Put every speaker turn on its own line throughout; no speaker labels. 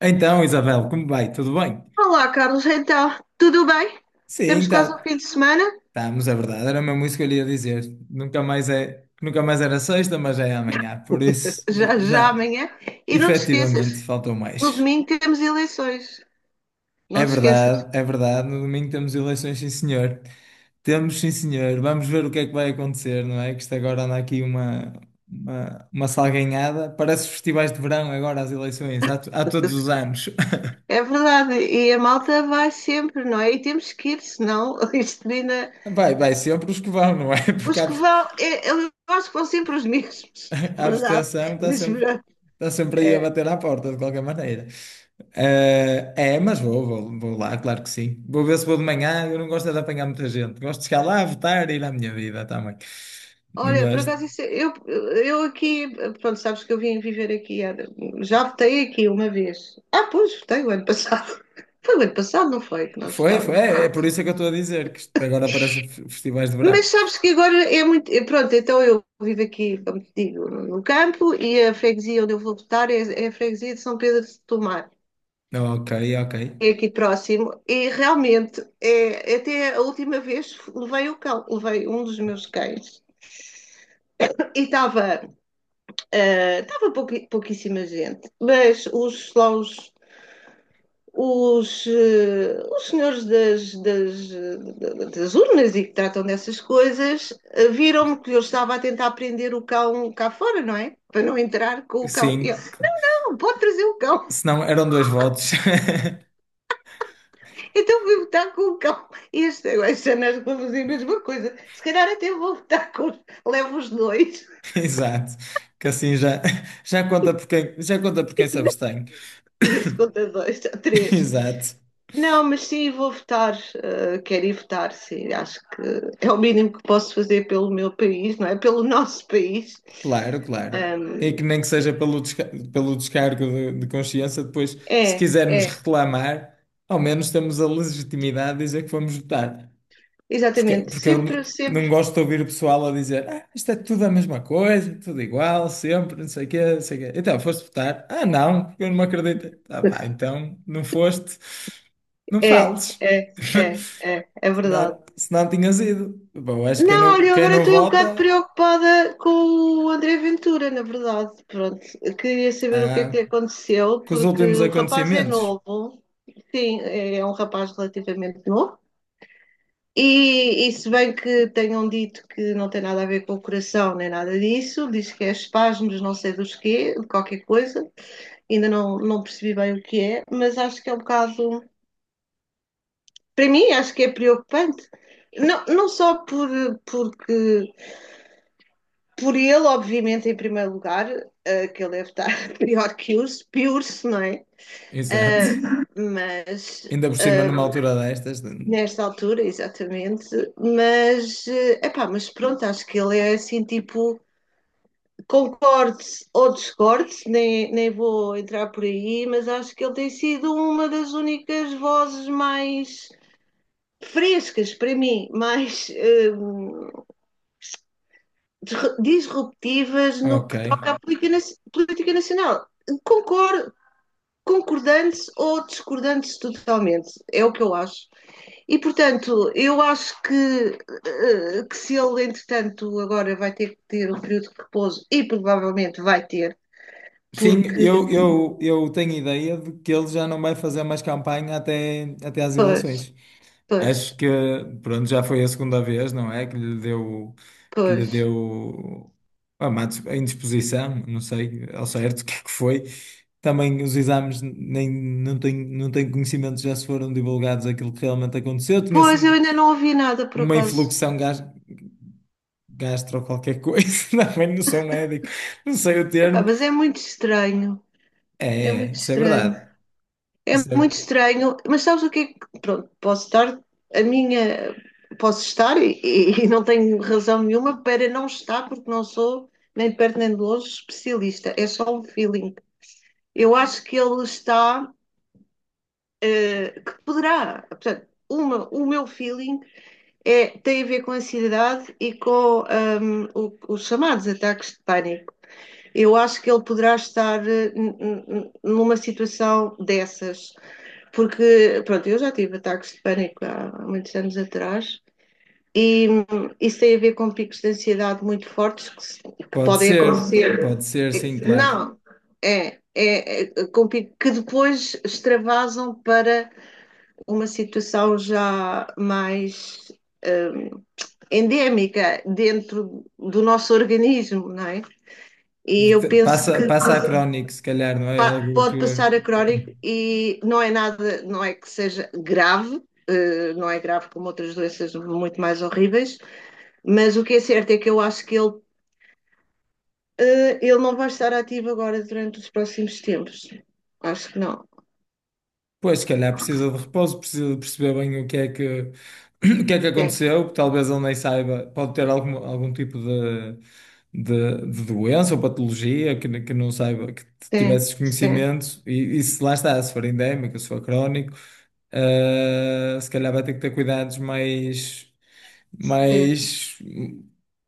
Então, Isabel, como vai? Tudo bem?
Olá, Carlos, então, tudo bem? Temos
Sim,
quase o fim
tá,
de semana,
estamos, é verdade. Era mesmo isso que eu lhe ia dizer. Nunca mais é, nunca mais era sexta, mas já é amanhã. Por isso, já,
já, já
já,
amanhã. E não te esqueças,
efetivamente faltou
no
mais.
domingo temos eleições.
É
Não te esqueças.
verdade, é verdade. No domingo temos eleições, sim, senhor. Temos, sim, senhor. Vamos ver o que é que vai acontecer, não é? Que isto agora anda aqui uma salganhada. Parece festivais de verão agora, as eleições, há, há todos os anos.
É verdade, e a malta vai sempre, não é? E temos que ir, senão isto ainda.
Vai, vai sempre os que vão, não é? Porque
Os
há,
que vão, eu acho que vão sempre os mesmos, é
a
verdade.
abstenção
Mas pronto,
está sempre aí a
é,
bater à porta, de qualquer maneira. É, mas vou, vou, vou lá, claro que sim. Vou ver se vou de manhã. Eu não gosto é de apanhar muita gente. Gosto de chegar lá, votar e ir à minha vida também. Não
olha, por
gosto.
acaso, isso, eu aqui, pronto, sabes que eu vim viver aqui. Já votei aqui uma vez. Ah, pois, votei o ano passado. Foi o ano passado, não foi, que nós
Foi, foi.
votámos.
É, é por isso é que eu estou a dizer que isto agora parece festivais de verão.
Mas sabes que agora é muito. Pronto, então eu vivo aqui, como te digo, no campo, e a freguesia onde eu vou votar é a freguesia de São Pedro de Tomar.
Ok, ok.
É aqui próximo e realmente é, até a última vez levei o cão, levei um dos meus cães e estava Estava pouquíssima gente, mas os, lá os, eh, os senhores das urnas, e que tratam dessas coisas, viram-me que eu estava a tentar prender o cão cá fora, não é? Para não entrar com o cão. E eu,
Sim.
não, pode trazer o cão.
Se não, eram dois votos.
Então vou votar com o cão. E este ano acho que vou fazer a mesma coisa. Se calhar até vou votar com os, levo os dois.
Exato. Que assim já, já conta por quem, já conta por quem se abstém.
Vê se conta dois, três.
Exato.
Não, mas sim, vou votar. Quero ir votar, sim. Acho que é o mínimo que posso fazer pelo meu país, não é? Pelo nosso país.
Claro, claro. É
Ahm,
que nem que seja pelo, pelo descargo de consciência, depois, se
É,
quisermos
é,
reclamar, ao menos temos a legitimidade de dizer que fomos votar. Porque,
exatamente.
porque eu
Sempre,
não
sempre.
gosto de ouvir o pessoal a dizer, ah, isto é tudo a mesma coisa, tudo igual, sempre, não sei o quê, não sei o quê. Então, foste votar? Ah, não, porque eu não me acredito. Ah, pá, então, não foste, não
É,
fales.
é, é, é, é
Se
verdade.
não, se não tinhas ido. Bom, acho que
Não, olha, eu
quem
agora
não
estou um bocado
vota,
preocupada com o André Ventura, na verdade. Pronto, queria saber o que é que
ah,
lhe aconteceu,
com os
porque
últimos
o rapaz é
acontecimentos.
novo, sim, é um rapaz relativamente novo. E se bem que tenham dito que não tem nada a ver com o coração nem nada disso, diz que é espasmos, não sei dos quê, de qualquer coisa, ainda não percebi bem o que é, mas acho que é um bocado, para mim, acho que é preocupante. Não, não só por, porque, por ele, obviamente, em primeiro lugar, que ele deve estar pior que os, pior-se, não é?
Exato.
Uh, mas
Ainda por cima, numa altura destas.
nesta altura, exatamente, mas, uh, epá, mas pronto, acho que ele é assim, tipo, concorde ou discorde, nem vou entrar por aí, mas acho que ele tem sido uma das únicas vozes mais frescas para mim, mais hum, disruptivas no
Ok.
que toca à política nacional. Concordo, concordantes ou discordantes totalmente, é o que eu acho. E, portanto, eu acho que, que se ele, entretanto, agora vai ter que ter um período de repouso, e provavelmente vai ter,
Sim,
porque.
eu tenho ideia de que ele já não vai fazer mais campanha até, até às
Pois,
eleições.
pois,
Acho que, pronto, já foi a segunda vez, não é? Que lhe
pois.
deu a indisposição, não sei ao certo o que é que foi. Também os exames nem, não tenho, não tenho conhecimento, já se foram divulgados aquilo que realmente aconteceu. Tinha
Pois, eu
sido
ainda não ouvi nada por
uma
acaso.
influxão gastro qualquer coisa, também não sou médico, não sei o
Epá,
termo.
mas é muito estranho.
É,
É
é,
muito
isso é
estranho.
verdade.
É
Isso é-
muito estranho. Mas sabes o que é que. Pronto, posso estar. A minha. Posso estar e não tenho razão nenhuma para não estar, porque não sou, nem de perto nem de longe, especialista. É só um feeling. Eu acho que ele está. Que poderá. Portanto, uma, o meu feeling é, tem a ver com a ansiedade e com os chamados ataques de pânico. Eu acho que ele poderá estar numa situação dessas, porque, pronto, eu já tive ataques de pânico há muitos anos atrás, e isso tem a ver com picos de ansiedade muito fortes que
pode
podem
ser,
acontecer.
pode ser, sim, claro.
Não, com que depois extravasam para uma situação já mais hum, endémica dentro do nosso organismo, não é? E eu
Te-
penso
passa,
que
passa a crónico, se calhar, não é algo
pode
que.
passar a crónico, e não é nada, não é que seja grave, não é grave como outras doenças muito mais horríveis, mas o que é certo é que eu acho que ele, ele não vai estar ativo agora durante os próximos tempos. Acho que não.
Pois, se calhar precisa de repouso, precisa de perceber bem o que é que, o que é que
Sim,
aconteceu, talvez ele nem saiba, pode ter algum, algum tipo de doença ou patologia que, que não saiba, que
sim,
tivesse
sim,
desconhecimento, e se lá está, se for endémico, se for crónico. Se calhar vai ter que ter cuidados mais,
sim.
mais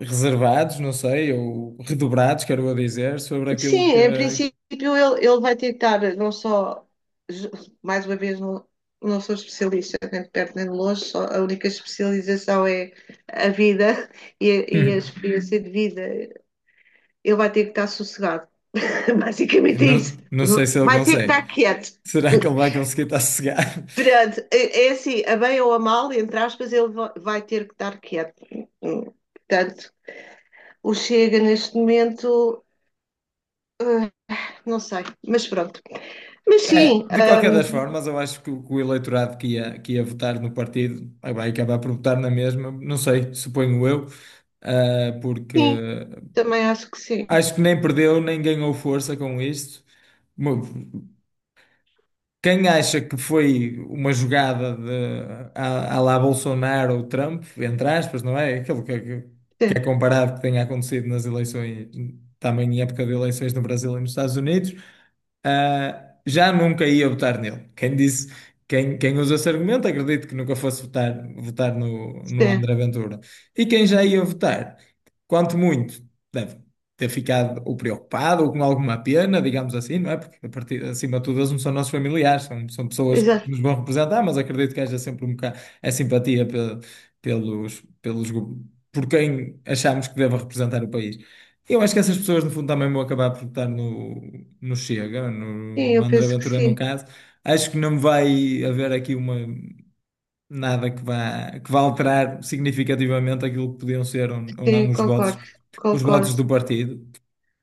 reservados, não sei, ou redobrados, quero eu dizer, sobre
Sim,
aquilo que.
em princípio ele vai ter que estar não só, ju- mais uma vez, não, não sou especialista, nem de perto nem de longe, só, a única especialização é a vida e a experiência de vida. Ele vai ter que estar sossegado, basicamente é
Não,
isso.
não sei se ele
Vai ter que estar
consegue.
quieto.
Será que ele vai conseguir estar sossegado?
Perante, é assim, a bem ou a mal, entre aspas, ele vai ter que estar quieto. Hum, Portanto, o Chega neste momento, eh, não sei, mas pronto. Mas
É,
sim.
de qualquer das formas, eu acho que o eleitorado que ia votar no partido vai acabar por votar na mesma, não sei, suponho eu, ah, porque
Sim, também acho que sim.
acho que nem perdeu nem ganhou força com isto. Quem acha que foi uma jogada de, à, à lá Bolsonaro ou Trump, entre aspas, não é? Aquilo que, que é
Sim,
comparado que tenha acontecido nas eleições, também em época de eleições no Brasil e nos Estados Unidos, ah, já nunca ia votar nele. Quem disse, quem, quem usa esse argumento, acredito que nunca fosse votar, votar no, no
sim,
André Ventura. E quem já ia votar, quanto muito ter ficado ou preocupado ou com alguma pena, digamos assim, não é? Porque a partir, acima de tudo eles não são nossos familiares, são, são pessoas que
exato.
nos vão representar, mas acredito que haja sempre um bocado a simpatia pelos, pelos, por quem achamos que deve representar o país. Eu acho que essas pessoas, no fundo, também vão acabar por votar no, no Chega, no,
Sim,
no
eu
André
penso que
Ventura, no
sim.
caso. Acho que não vai haver aqui uma, nada que vá, que vá alterar significativamente aquilo que podiam ser ou não
Sim, concordo,
os votos
concordo.
do partido.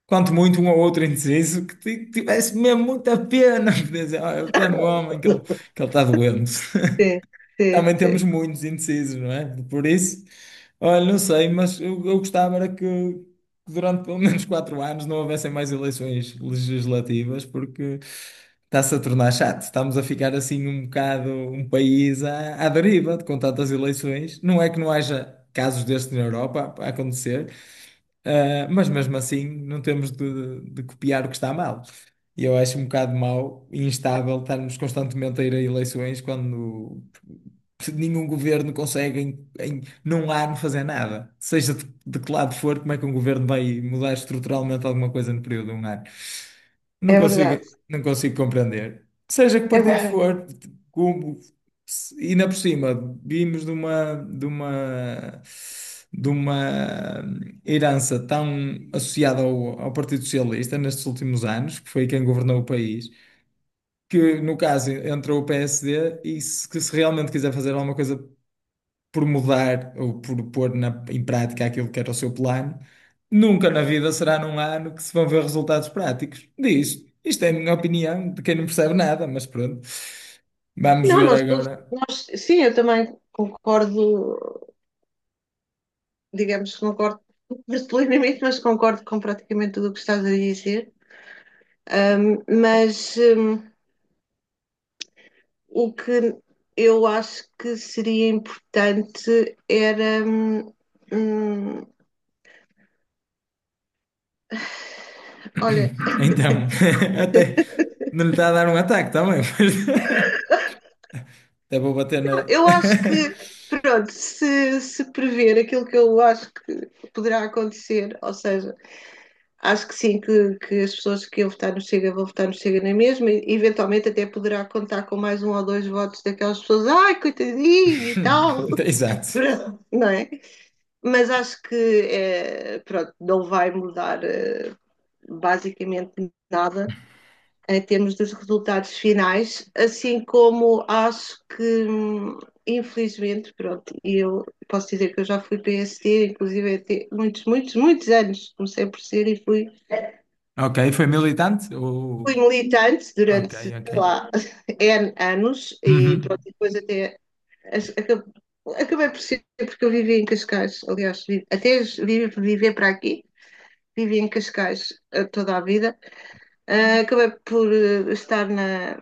Quanto muito um ou outro indeciso que tivesse mesmo muita pena de dizer, ah, eu estou no homem que ele está doente.
Sim, sim,
Também temos
sim.
muitos indecisos, não é? Por isso, olha, não sei, mas eu gostava era que durante pelo menos 4 anos não houvessem mais eleições legislativas, porque está-se a tornar chato. Estamos a ficar assim um bocado um país à, à deriva com tantas eleições. Não é que não haja casos destes na Europa a acontecer. Ah, mas mesmo assim não temos de copiar o que está mal. E eu acho um bocado mau e instável estarmos constantemente a ir a eleições quando nenhum governo consegue em, em num ano fazer nada. Seja de que lado for, como é que um governo vai mudar estruturalmente alguma coisa no período de 1 ano? Não
É
consigo,
verdade,
não consigo compreender. Seja que
é
partido
verdade.
for, como, se- e ainda por cima, vimos de uma, de uma, de uma herança tão associada ao, ao Partido Socialista nestes últimos anos, que foi quem governou o país, que no caso entrou o PSD, e se, que se realmente quiser fazer alguma coisa por mudar ou por pôr em prática aquilo que era o seu plano, nunca na vida será num 1 ano que se vão ver resultados práticos disto. Isto é a minha opinião, de quem não percebe nada, mas pronto. Vamos
Não,
ver
nós todos,
agora.
nós, sim, eu também concordo, digamos que concordo plenamente, mas concordo com praticamente tudo o que estás a dizer. Mas o que eu acho que seria importante era. hum, Olha,
Então, até não lhe está a dar um ataque também, mas até vou bater na.
eu acho que, pronto, se prever aquilo que eu acho que poderá acontecer, ou seja, acho que sim, que as pessoas que iam votar no Chega vão votar no Chega na mesma, e eventualmente até poderá contar com mais um ou dois votos daquelas pessoas, ai, coitadinho e tal,
Exato.
não é? Mas acho que, é, pronto, não vai mudar é, basicamente nada em termos dos resultados finais, assim como acho que, infelizmente, pronto, eu posso dizer que eu já fui PSD, inclusive até muitos, muitos, muitos anos, comecei por ser e fui,
Ok, foi militante? Ou-
fui militante
Ok,
durante, sei
ok.
lá, N anos, e pronto,
Uhum.
depois até acabei por ser, porque eu vivi em Cascais, aliás, vivi, até vivi, viver para aqui, vivi em Cascais, toda a vida. Acabei por estar na,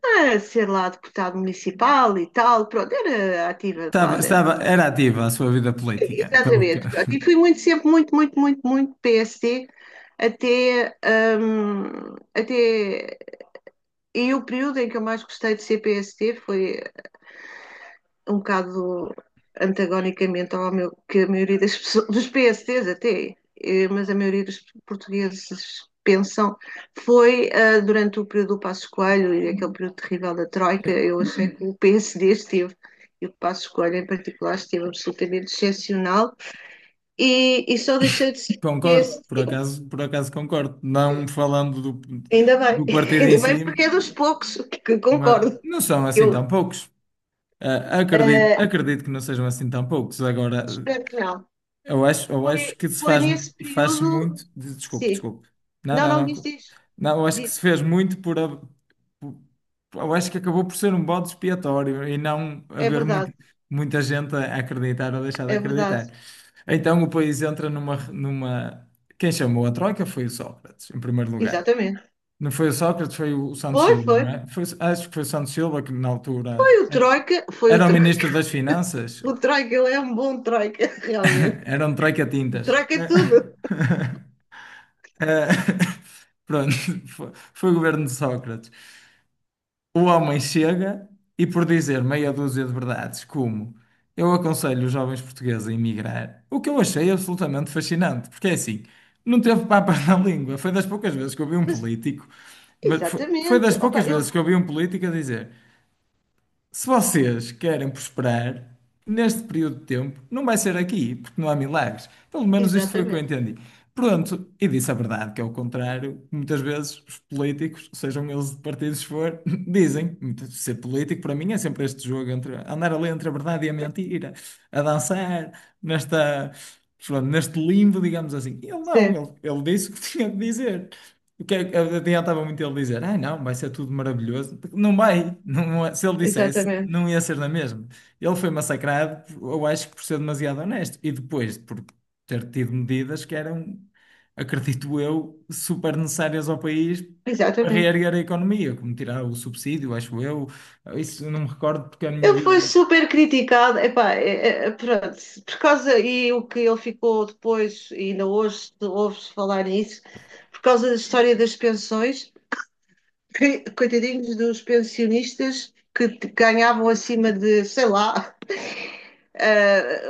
a ser lá deputado municipal e tal, pronto, era ativa lá
Estava, estava,
dentro.
era ativa a sua vida política, pelo que...
Exatamente, pronto. E fui muito, sempre muito, muito, muito, muito PSD até, até. E o período em que eu mais gostei de ser PSD foi um bocado antagonicamente ao meu, que a maioria das pessoas, dos PSTs, mas a maioria dos portugueses pensam, foi durante o período do Passos Coelho e aquele período terrível da Troika. Eu achei que o PSD esteve, e o Passos Coelho em particular, esteve absolutamente excepcional, e só deixei de ser
Concordo,
PSD,
por acaso concordo. Não falando do,
ainda bem,
do partido em
ainda bem
si,
porque é dos poucos que
mas
concordo,
não são assim tão
eu
poucos. Ah, acredito,
ah,
acredito que não sejam assim tão poucos. Agora,
espero que não.
eu acho
Foi,
que se
foi
faz,
nesse
faz-se
período,
muito. Desculpe,
sim.
desculpe. Não,
Não,
não,
não, diz,
não.
diz,
Não, eu acho que se
diz.
fez muito por, a- eu acho que acabou por ser um bode expiatório e não
É
haver
verdade,
muita gente a acreditar ou deixar de
é verdade.
acreditar. Então o país entra numa, numa... Quem chamou a troika foi o Sócrates, em primeiro lugar.
Exatamente.
Não foi o Sócrates, foi o Santos
Foi,
Silva, não
foi.
é? Foi- acho que foi o Santos Silva que na altura
Foi o
era
Troika, foi o
era o
Troika.
ministro das Finanças.
O Troika, ele é um bom Troika, realmente.
Era um
O
troika-tintas.
Troika é tudo.
Eh, pronto, foi, foi o governo de Sócrates. O homem chega e por dizer meia dúzia de verdades, como eu aconselho os jovens portugueses a emigrar, o que eu achei absolutamente fascinante, porque é assim, não teve papas na língua, foi das poucas vezes que eu vi um
Mas,
político, mas foi, foi
exatamente.
das
Opa,
poucas
ele.
vezes que eu vi um político a dizer. Se vocês querem prosperar neste período de tempo, não vai ser aqui, porque não há milagres. Pelo menos isto foi o que eu
Exatamente.
entendi. Pronto, e disse a verdade, que é o contrário. Muitas vezes os políticos, sejam eles de partidos for, dizem, ser político para mim é sempre este jogo entre andar ali entre a verdade e a mentira, a dançar nesta, pronto, neste limbo, digamos assim. Ele não,
Certo,
ele disse o que tinha de dizer. O que é que- adiantava muito ele dizer, ah, não, vai ser tudo maravilhoso. Porque não vai, não, é- se ele dissesse,
exatamente.
não ia ser na mesma. Ele foi massacrado, eu acho que por ser demasiado honesto. E depois, por ter tido medidas que eram, acredito eu, super necessárias ao país para
Exatamente.
reerguer a economia, como tirar o subsídio, acho eu. Isso eu não me recordo porque a minha
Ele foi
vida.
super criticado, epá, pronto, por causa, e o que ele ficou depois, e ainda hoje se falar nisso, por causa da história das pensões. Coitadinhos dos pensionistas que ganhavam acima de, sei lá, eh,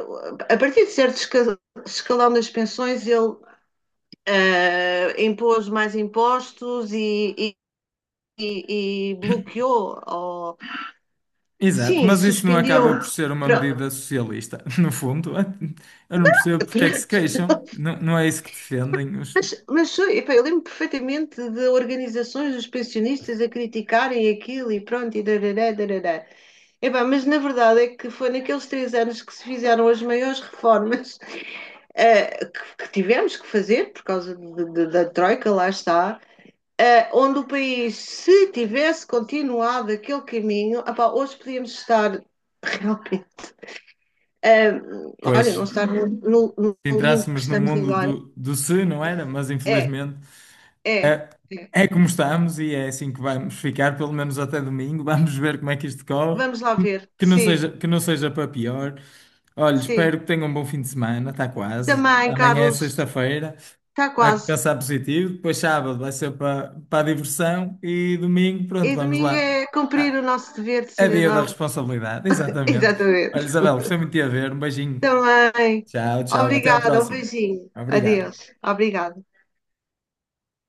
a partir de certo escalão das pensões, ele impôs mais impostos, e bloqueou, ou,
Exato,
sim,
mas isso não
suspendeu.
acaba por ser uma medida
Pronto,
socialista, no fundo. Eu não percebo porque é que se
pronto.
queixam. Não, não é isso que defendem.
Mas epá, eu lembro perfeitamente de organizações dos pensionistas a criticarem aquilo, e pronto, e darará, darará. Epá, mas na verdade é que foi naqueles 3 anos que se fizeram as maiores reformas que tivemos que fazer por causa da Troika, lá está, onde o país, se tivesse continuado aquele caminho, epá, hoje podíamos estar realmente, eh,
Pois,
olha,
se
não estar no, no limbo que
entrássemos no
estamos
mundo
agora.
do, do se, não era? Mas
É,
infelizmente
é.
é,
É.
é como estamos e é assim que vamos ficar, pelo menos até domingo. Vamos ver como é que isto corre.
Vamos lá
Que,
ver. Sim,
que não seja para pior. Olha,
sim.
espero que tenham um bom fim de semana, está quase.
Também,
Amanhã é
Carlos,
sexta-feira,
está
há que
quase.
pensar positivo. Depois sábado vai ser para, para a diversão e domingo,
E
pronto, vamos
domingo
lá.
é cumprir
Ah,
o nosso dever de
é dia da
cidadão.
responsabilidade, exatamente. Olha,
Exatamente.
Isabel, gostei muito de te ver. Um beijinho.
Também.
Tchau, tchau. Até a
Obrigada, um
próxima.
beijinho.
Obrigado.
Adeus. Obrigada.